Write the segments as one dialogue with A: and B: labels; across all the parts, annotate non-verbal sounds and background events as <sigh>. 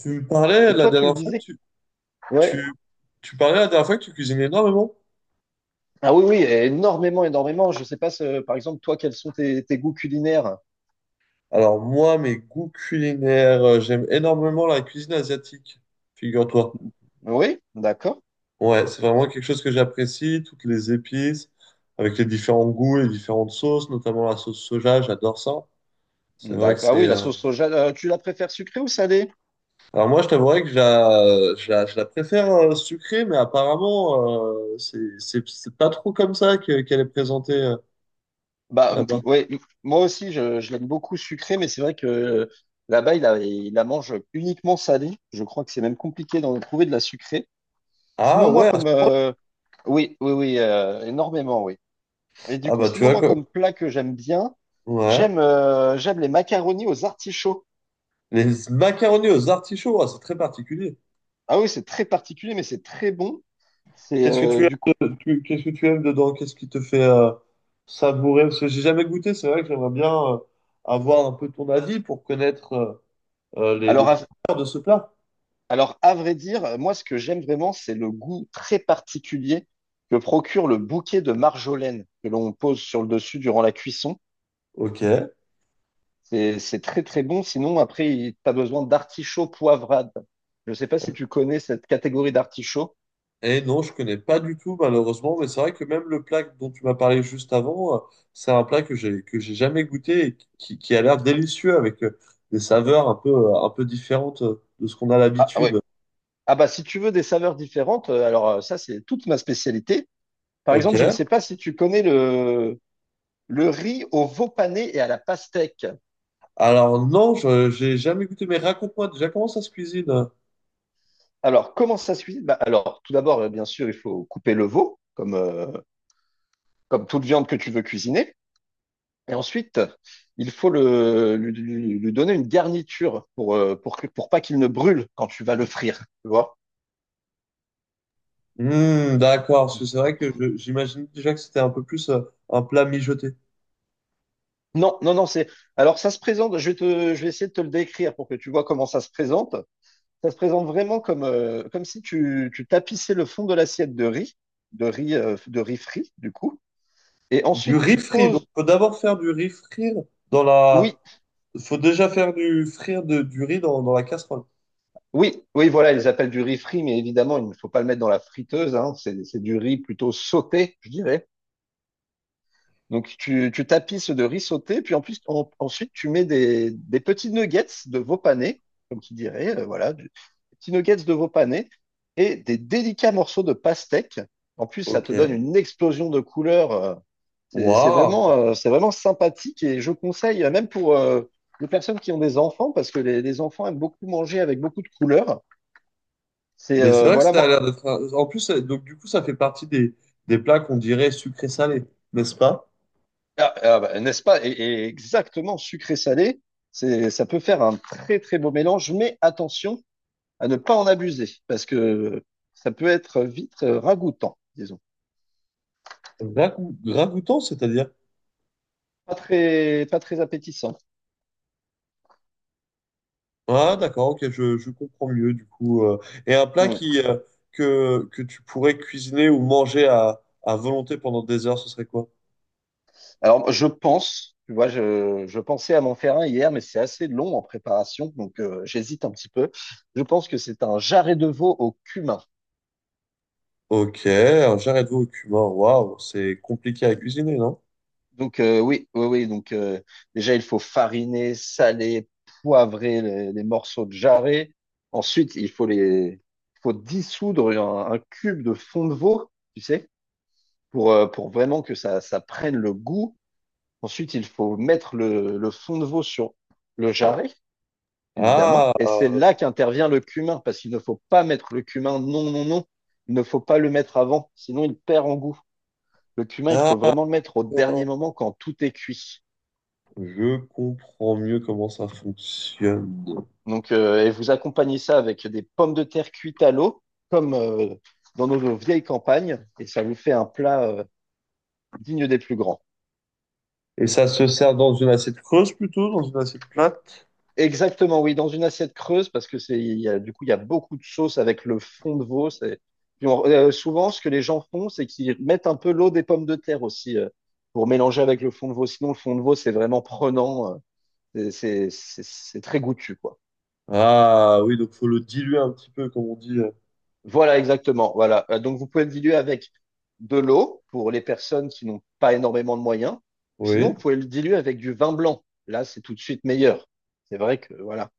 A: Tu me parlais
B: Et
A: la
B: toi, tu
A: dernière
B: me
A: fois que
B: disais, ouais.
A: tu, tu parlais la dernière fois que tu cuisines énormément.
B: Ah oui, oui, énormément, énormément. Je sais pas, par exemple, toi, quels sont tes goûts culinaires?
A: Alors moi, mes goûts culinaires, j'aime énormément la cuisine asiatique, figure-toi.
B: Oui, d'accord.
A: Ouais, c'est vraiment quelque chose que j'apprécie, toutes les épices, avec les différents goûts, les différentes sauces, notamment la sauce soja, j'adore ça. C'est vrai que
B: D'accord. Ah
A: c'est...
B: oui, la sauce soja, tu la préfères sucrée ou salée?
A: Alors moi, je t'avouerais que je la préfère sucrée, mais apparemment, c'est pas trop comme ça qu'elle est présentée là-bas.
B: Ouais, moi aussi, je l'aime beaucoup sucrée, mais c'est vrai que là-bas, il la mange uniquement salée. Je crois que c'est même compliqué d'en trouver de la sucrée.
A: Ah
B: Sinon, moi,
A: ouais,
B: comme oui, oui, oui, énormément, oui. Et du
A: ah
B: coup,
A: bah tu
B: sinon,
A: vois
B: moi,
A: quoi.
B: comme plat que j'aime bien,
A: Ouais.
B: j'aime les macaronis aux artichauts.
A: Les macaronis aux artichauts, ah, c'est très particulier.
B: Ah oui, c'est très particulier, mais c'est très bon. C'est
A: Qu'est-ce que tu
B: du coup.
A: aimes, de- tu- qu'est-ce que tu aimes dedans? Qu'est-ce qui te fait savourer? Parce que j'ai jamais goûté, c'est vrai que j'aimerais bien avoir un peu ton avis pour connaître les
B: Alors à,
A: saveurs de ce plat.
B: alors à vrai dire, moi ce que j'aime vraiment, c'est le goût très particulier que procure le bouquet de marjolaine que l'on pose sur le dessus durant la cuisson.
A: Ok.
B: C'est très très bon. Sinon après, tu as besoin d'artichauts poivrades. Je sais pas si tu connais cette catégorie d'artichauts.
A: Et non, je connais pas du tout, malheureusement, mais c'est vrai que même le plat dont tu m'as parlé juste avant, c'est un plat que j'ai jamais goûté et qui a l'air délicieux avec des saveurs un peu différentes de ce qu'on a
B: Ah ah ouais.
A: l'habitude.
B: Ah bah si tu veux des saveurs différentes, alors ça c'est toute ma spécialité. Par
A: Ok.
B: exemple, je ne sais pas si tu connais le riz au veau pané et à la pastèque.
A: Alors non, je j'ai jamais goûté, mais raconte-moi déjà comment ça se cuisine.
B: Alors, comment ça se cuisine? Bah, alors, tout d'abord, bien sûr, il faut couper le veau, comme toute viande que tu veux cuisiner. Et ensuite, il faut lui donner une garniture pour, pour pas qu'il ne brûle quand tu vas le frire, tu vois?
A: D'accord, parce que c'est vrai que j'imagine déjà que c'était un peu plus un plat mijoté.
B: Non, non, non, c'est... Alors, ça se présente, je vais essayer de te le décrire pour que tu vois comment ça se présente. Ça se présente vraiment comme, comme si tu tapissais le fond de l'assiette de riz frit, du coup. Et
A: Du
B: ensuite,
A: riz
B: tu
A: frit, donc
B: poses...
A: faut d'abord faire du riz frire dans la...
B: Oui,
A: faut déjà faire du riz dans la casserole.
B: oui, oui, voilà, ils appellent du riz frit, mais évidemment, il ne faut pas le mettre dans la friteuse, hein, c'est du riz plutôt sauté, je dirais. Donc, tu tapisses de riz sauté, puis en plus, ensuite, tu mets des petits nuggets de veau pané, comme tu dirais, voilà, des petits nuggets de veau pané et des délicats morceaux de pastèque. En plus, ça te donne
A: Ok.
B: une explosion de couleurs. C'est
A: Waouh.
B: vraiment, c'est vraiment sympathique et je conseille, même pour les personnes qui ont des enfants, parce que les enfants aiment beaucoup manger avec beaucoup de couleurs. C'est
A: Mais c'est
B: euh,
A: vrai que
B: voilà,
A: ça a
B: moi,
A: l'air d'être, en plus, donc du coup, ça fait partie des plats qu'on dirait sucrés-salés, n'est-ce pas?
B: Ah, ah bah, n'est-ce pas? Et exactement, sucré-salé, ça peut faire un très très beau mélange, mais attention à ne pas en abuser, parce que ça peut être vite ragoûtant, disons.
A: Ragoûtant, c'est-à-dire?
B: Pas très, pas très appétissant.
A: Ah, d'accord, ok, je comprends mieux du coup. Et un plat
B: Ouais.
A: qui, que tu pourrais cuisiner ou manger à volonté pendant des heures, ce serait quoi?
B: Alors, je pense, tu vois, je pensais à m'en faire un hier, mais c'est assez long en préparation, donc j'hésite un petit peu. Je pense que c'est un jarret de veau au cumin.
A: Ok, un jarret de veau au cumin, waouh, c'est compliqué à cuisiner, non?
B: Donc oui, oui, oui. Donc déjà, il faut fariner, saler, poivrer les morceaux de jarret. Ensuite, il faut dissoudre un cube de fond de veau, tu sais, pour vraiment que ça prenne le goût. Ensuite, il faut mettre le fond de veau sur le jarret, évidemment.
A: Ah,
B: Et c'est là qu'intervient le cumin, parce qu'il ne faut pas mettre le cumin. Non, non, non. Il ne faut pas le mettre avant, sinon il perd en goût. Le cumin, il faut
A: d'accord,
B: vraiment le mettre au dernier moment quand tout est cuit.
A: je comprends mieux comment ça fonctionne.
B: Donc, et vous accompagnez ça avec des pommes de terre cuites à l'eau, comme dans nos vieilles campagnes, et ça vous fait un plat digne des plus grands.
A: Et ça se sert dans une assiette creuse plutôt, dans une assiette plate?
B: Exactement, oui, dans une assiette creuse, parce que c'est, il y a beaucoup de sauce avec le fond de veau. Puis souvent, ce que les gens font, c'est qu'ils mettent un peu l'eau des pommes de terre aussi pour mélanger avec le fond de veau. Sinon, le fond de veau, c'est vraiment prenant, c'est très goûtu, quoi.
A: Ah oui, donc faut le diluer un petit peu, comme on dit.
B: Voilà, exactement. Voilà. Donc, vous pouvez le diluer avec de l'eau pour les personnes qui n'ont pas énormément de moyens. Sinon,
A: Oui,
B: vous pouvez le diluer avec du vin blanc. Là, c'est tout de suite meilleur. C'est vrai que, voilà.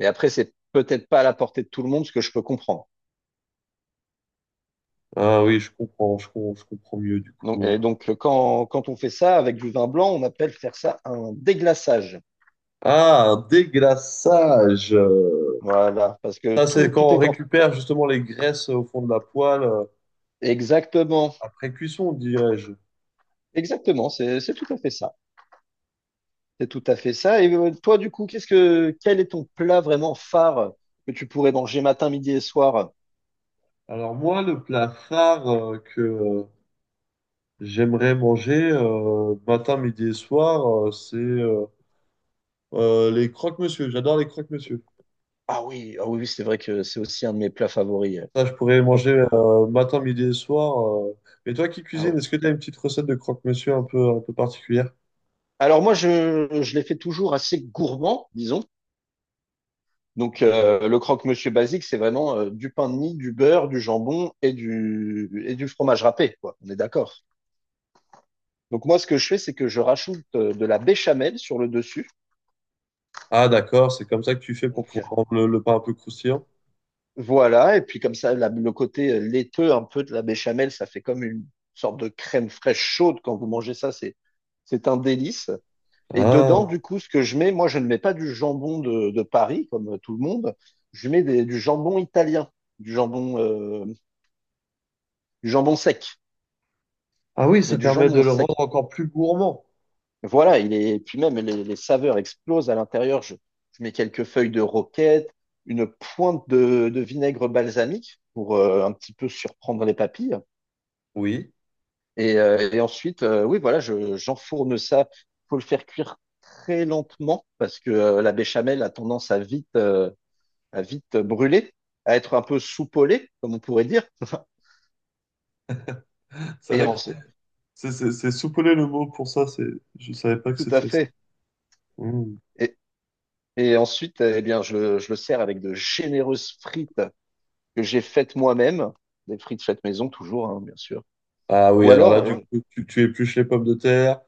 B: Mais après, c'est peut-être pas à la portée de tout le monde, ce que je peux comprendre.
A: ah oui, je comprends, je comprends mieux du
B: Donc,
A: coup.
B: et donc, quand on fait ça avec du vin blanc, on appelle faire ça un déglaçage.
A: Ah, un déglaçage.
B: Voilà. Parce que
A: Ça, c'est
B: tout, tout
A: quand on
B: est en...
A: récupère justement les graisses au fond de la poêle
B: Exactement.
A: après cuisson, dirais-je.
B: Exactement. C'est tout à fait ça. C'est tout à fait ça. Et toi, du coup, qu'est-ce que quel est ton plat vraiment phare que tu pourrais manger matin, midi et soir?
A: Alors moi, le plat phare que j'aimerais manger matin, midi et soir, c'est les croque-monsieur. J'adore les croque-monsieur.
B: Ah oui, ah oui, oui, c'est vrai que c'est aussi un de mes plats favoris.
A: Ça, je pourrais
B: Croque-
A: manger matin, midi et soir. Euh. Mais toi qui
B: ah
A: cuisines,
B: ouais.
A: est-ce que tu as une petite recette de croque-monsieur un peu particulière?
B: Alors moi, je les fais toujours assez gourmand, disons. Donc le croque-monsieur basique, c'est vraiment du pain de mie, du beurre, du jambon et du fromage râpé, quoi. On est d'accord. Donc moi, ce que je fais, c'est que je rajoute de la béchamel sur le dessus.
A: Ah, d'accord, c'est comme ça que tu fais pour
B: Donc
A: pouvoir rendre le pain un peu croustillant.
B: Voilà, et puis comme ça, le côté laiteux un peu de la béchamel, ça fait comme une sorte de crème fraîche chaude quand vous mangez ça, c'est un délice. Et dedans,
A: Ah.
B: du coup, ce que je mets, moi, je ne mets pas du jambon de Paris, comme tout le monde, je mets du jambon italien, du jambon, euh, du jambon sec,
A: Ah oui,
B: mais
A: ça
B: du
A: permet de
B: jambon
A: le
B: sec.
A: rendre encore plus gourmand.
B: Voilà, il est, et puis même les saveurs explosent à l'intérieur. Je mets quelques feuilles de roquette, une pointe de vinaigre balsamique pour un petit peu surprendre les papilles.
A: Oui.
B: Et ensuite, oui, voilà, j'enfourne ça. Faut le faire cuire très lentement parce que la béchamel a tendance à à vite brûler, à être un peu soupolée, comme on pourrait dire. <laughs>
A: C'est
B: Et
A: vrai que
B: en-
A: c'est soupolé le mot pour ça, c'est je savais pas que
B: tout à
A: c'était ça.
B: fait.
A: Mm.
B: Et, et ensuite, eh bien, je le sers avec de généreuses frites que j'ai faites moi-même, des frites faites maison toujours, hein, bien sûr.
A: Ah oui,
B: Ou
A: alors
B: alors,
A: là, du coup, tu épluches les pommes de terre,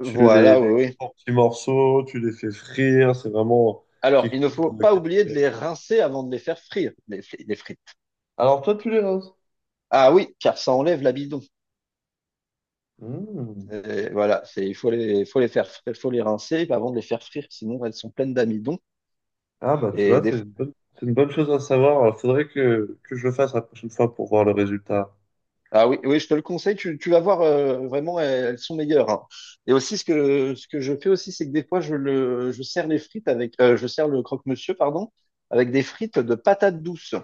B: oui,
A: les coupes
B: oui.
A: en petits morceaux, tu les fais frire, c'est vraiment
B: Alors,
A: quelque
B: il ne
A: chose
B: faut pas
A: que tu
B: oublier de les
A: fais.
B: rincer avant de les faire frire, les frites.
A: Alors toi, tu les roses.
B: Ah oui, car ça enlève l'amidon.
A: Mm.
B: Et voilà, c'est, il faut les faire, fr- faut les rincer avant de les faire frire, sinon elles sont pleines d'amidon.
A: Ah bah tu
B: Et
A: vois,
B: des...
A: c'est c'est une bonne chose à savoir. Il faudrait que je le fasse la prochaine fois pour voir le résultat.
B: Ah oui, oui, je te le conseille, tu vas voir, vraiment, elles sont meilleures. Hein. Et aussi, ce que je fais aussi, c'est que des fois, je sers les frites avec, je sers le croque-monsieur, pardon, avec des frites de patates douces.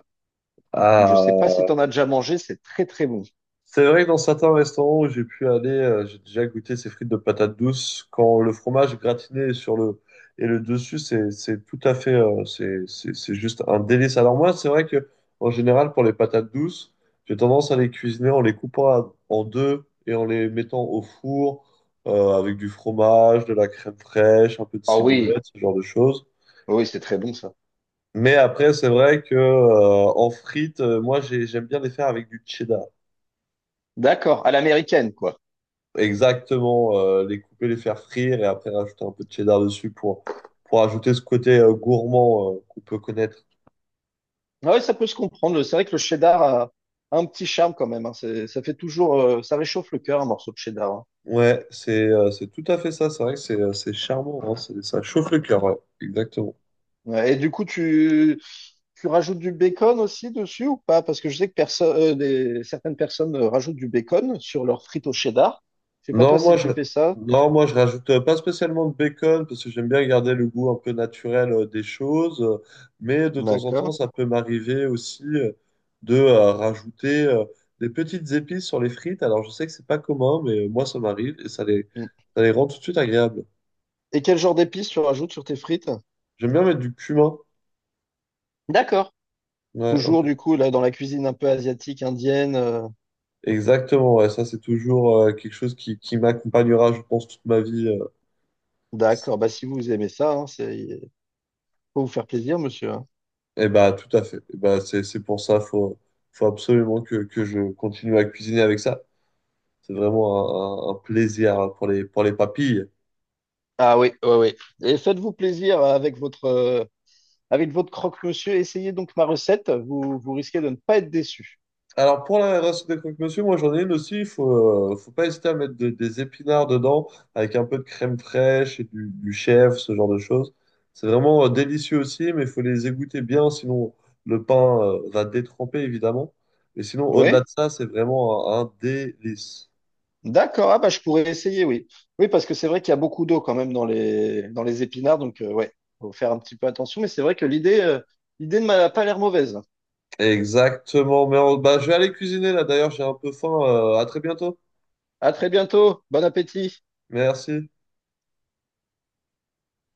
B: Donc, je sais pas
A: Ah,
B: si tu en as déjà mangé, c'est très très bon.
A: c'est vrai que dans certains restaurants où j'ai pu aller, j'ai déjà goûté ces frites de patates douces. Quand le fromage gratiné est sur le et le dessus, c'est tout à fait, c'est juste un délice. Alors moi, c'est vrai que en général pour les patates douces, j'ai tendance à les cuisiner en les coupant en deux et en les mettant au four avec du fromage, de la crème fraîche, un peu de
B: Ah oui,
A: ciboulette, ce genre de choses.
B: oui, c'est très bon ça.
A: Mais après, c'est vrai que en frites, j'aime bien les faire avec du cheddar.
B: D'accord, à l'américaine, quoi.
A: Exactement, les couper, les faire frire et après rajouter un peu de cheddar dessus pour ajouter ce côté gourmand qu'on peut connaître.
B: Ah ouais, ça peut se comprendre. C'est vrai que le cheddar a un petit charme quand même. Hein. Ça fait toujours, ça réchauffe le cœur un morceau de cheddar. Hein.
A: C'est tout à fait ça, c'est vrai que c'est charmant, hein, ça chauffe le cœur, ouais, exactement.
B: Ouais, et du coup, tu rajoutes du bacon aussi dessus ou pas? Parce que je sais que certaines personnes rajoutent du bacon sur leurs frites au cheddar. Je sais pas
A: Non,
B: toi si
A: moi je,
B: tu fais ça.
A: non, moi je rajoute pas spécialement de bacon parce que j'aime bien garder le goût un peu naturel des choses, mais de temps en temps
B: D'accord.
A: ça peut m'arriver aussi de rajouter des petites épices sur les frites. Alors je sais que c'est pas commun, mais moi ça m'arrive et
B: Mm.
A: ça les rend tout de suite agréables.
B: Et quel genre d'épices tu rajoutes sur tes frites?
A: J'aime bien mettre du cumin.
B: D'accord.
A: Ouais, un
B: Toujours
A: peu.
B: du coup là dans la cuisine un peu asiatique, indienne.
A: Exactement, ouais, ça c'est toujours quelque chose qui m'accompagnera, je pense, toute ma vie.
B: D'accord. Bah si vous aimez ça, hein, c'est faut vous faire plaisir, monsieur. Hein.
A: Eh bah, tout à fait. Eh bah, c'est pour ça, faut, faut absolument que je continue à cuisiner avec ça. C'est vraiment un plaisir pour les papilles.
B: Ah oui, oui, oui. Et faites-vous plaisir avec avec votre croque-monsieur. Essayez donc ma recette. Vous risquez de ne pas être déçu.
A: Alors, pour la race des croque-monsieur, moi, j'en ai une aussi. Faut pas hésiter à mettre des épinards dedans avec un peu de crème fraîche et du chèvre, ce genre de choses. C'est vraiment délicieux aussi, mais il faut les égoutter bien, sinon le pain, va détremper, évidemment. Mais sinon, au-delà
B: Oui?
A: de ça, c'est vraiment un délice.
B: D'accord. Ah bah je pourrais essayer, oui. Oui, parce que c'est vrai qu'il y a beaucoup d'eau quand même dans dans les épinards. Donc, ouais, faut faire un petit peu attention. Mais c'est vrai que l'idée ne m'a pas l'air mauvaise.
A: Exactement. Mais bah, je vais aller cuisiner là. D'ailleurs, j'ai un peu faim. À très bientôt.
B: À très bientôt. Bon appétit.
A: Merci.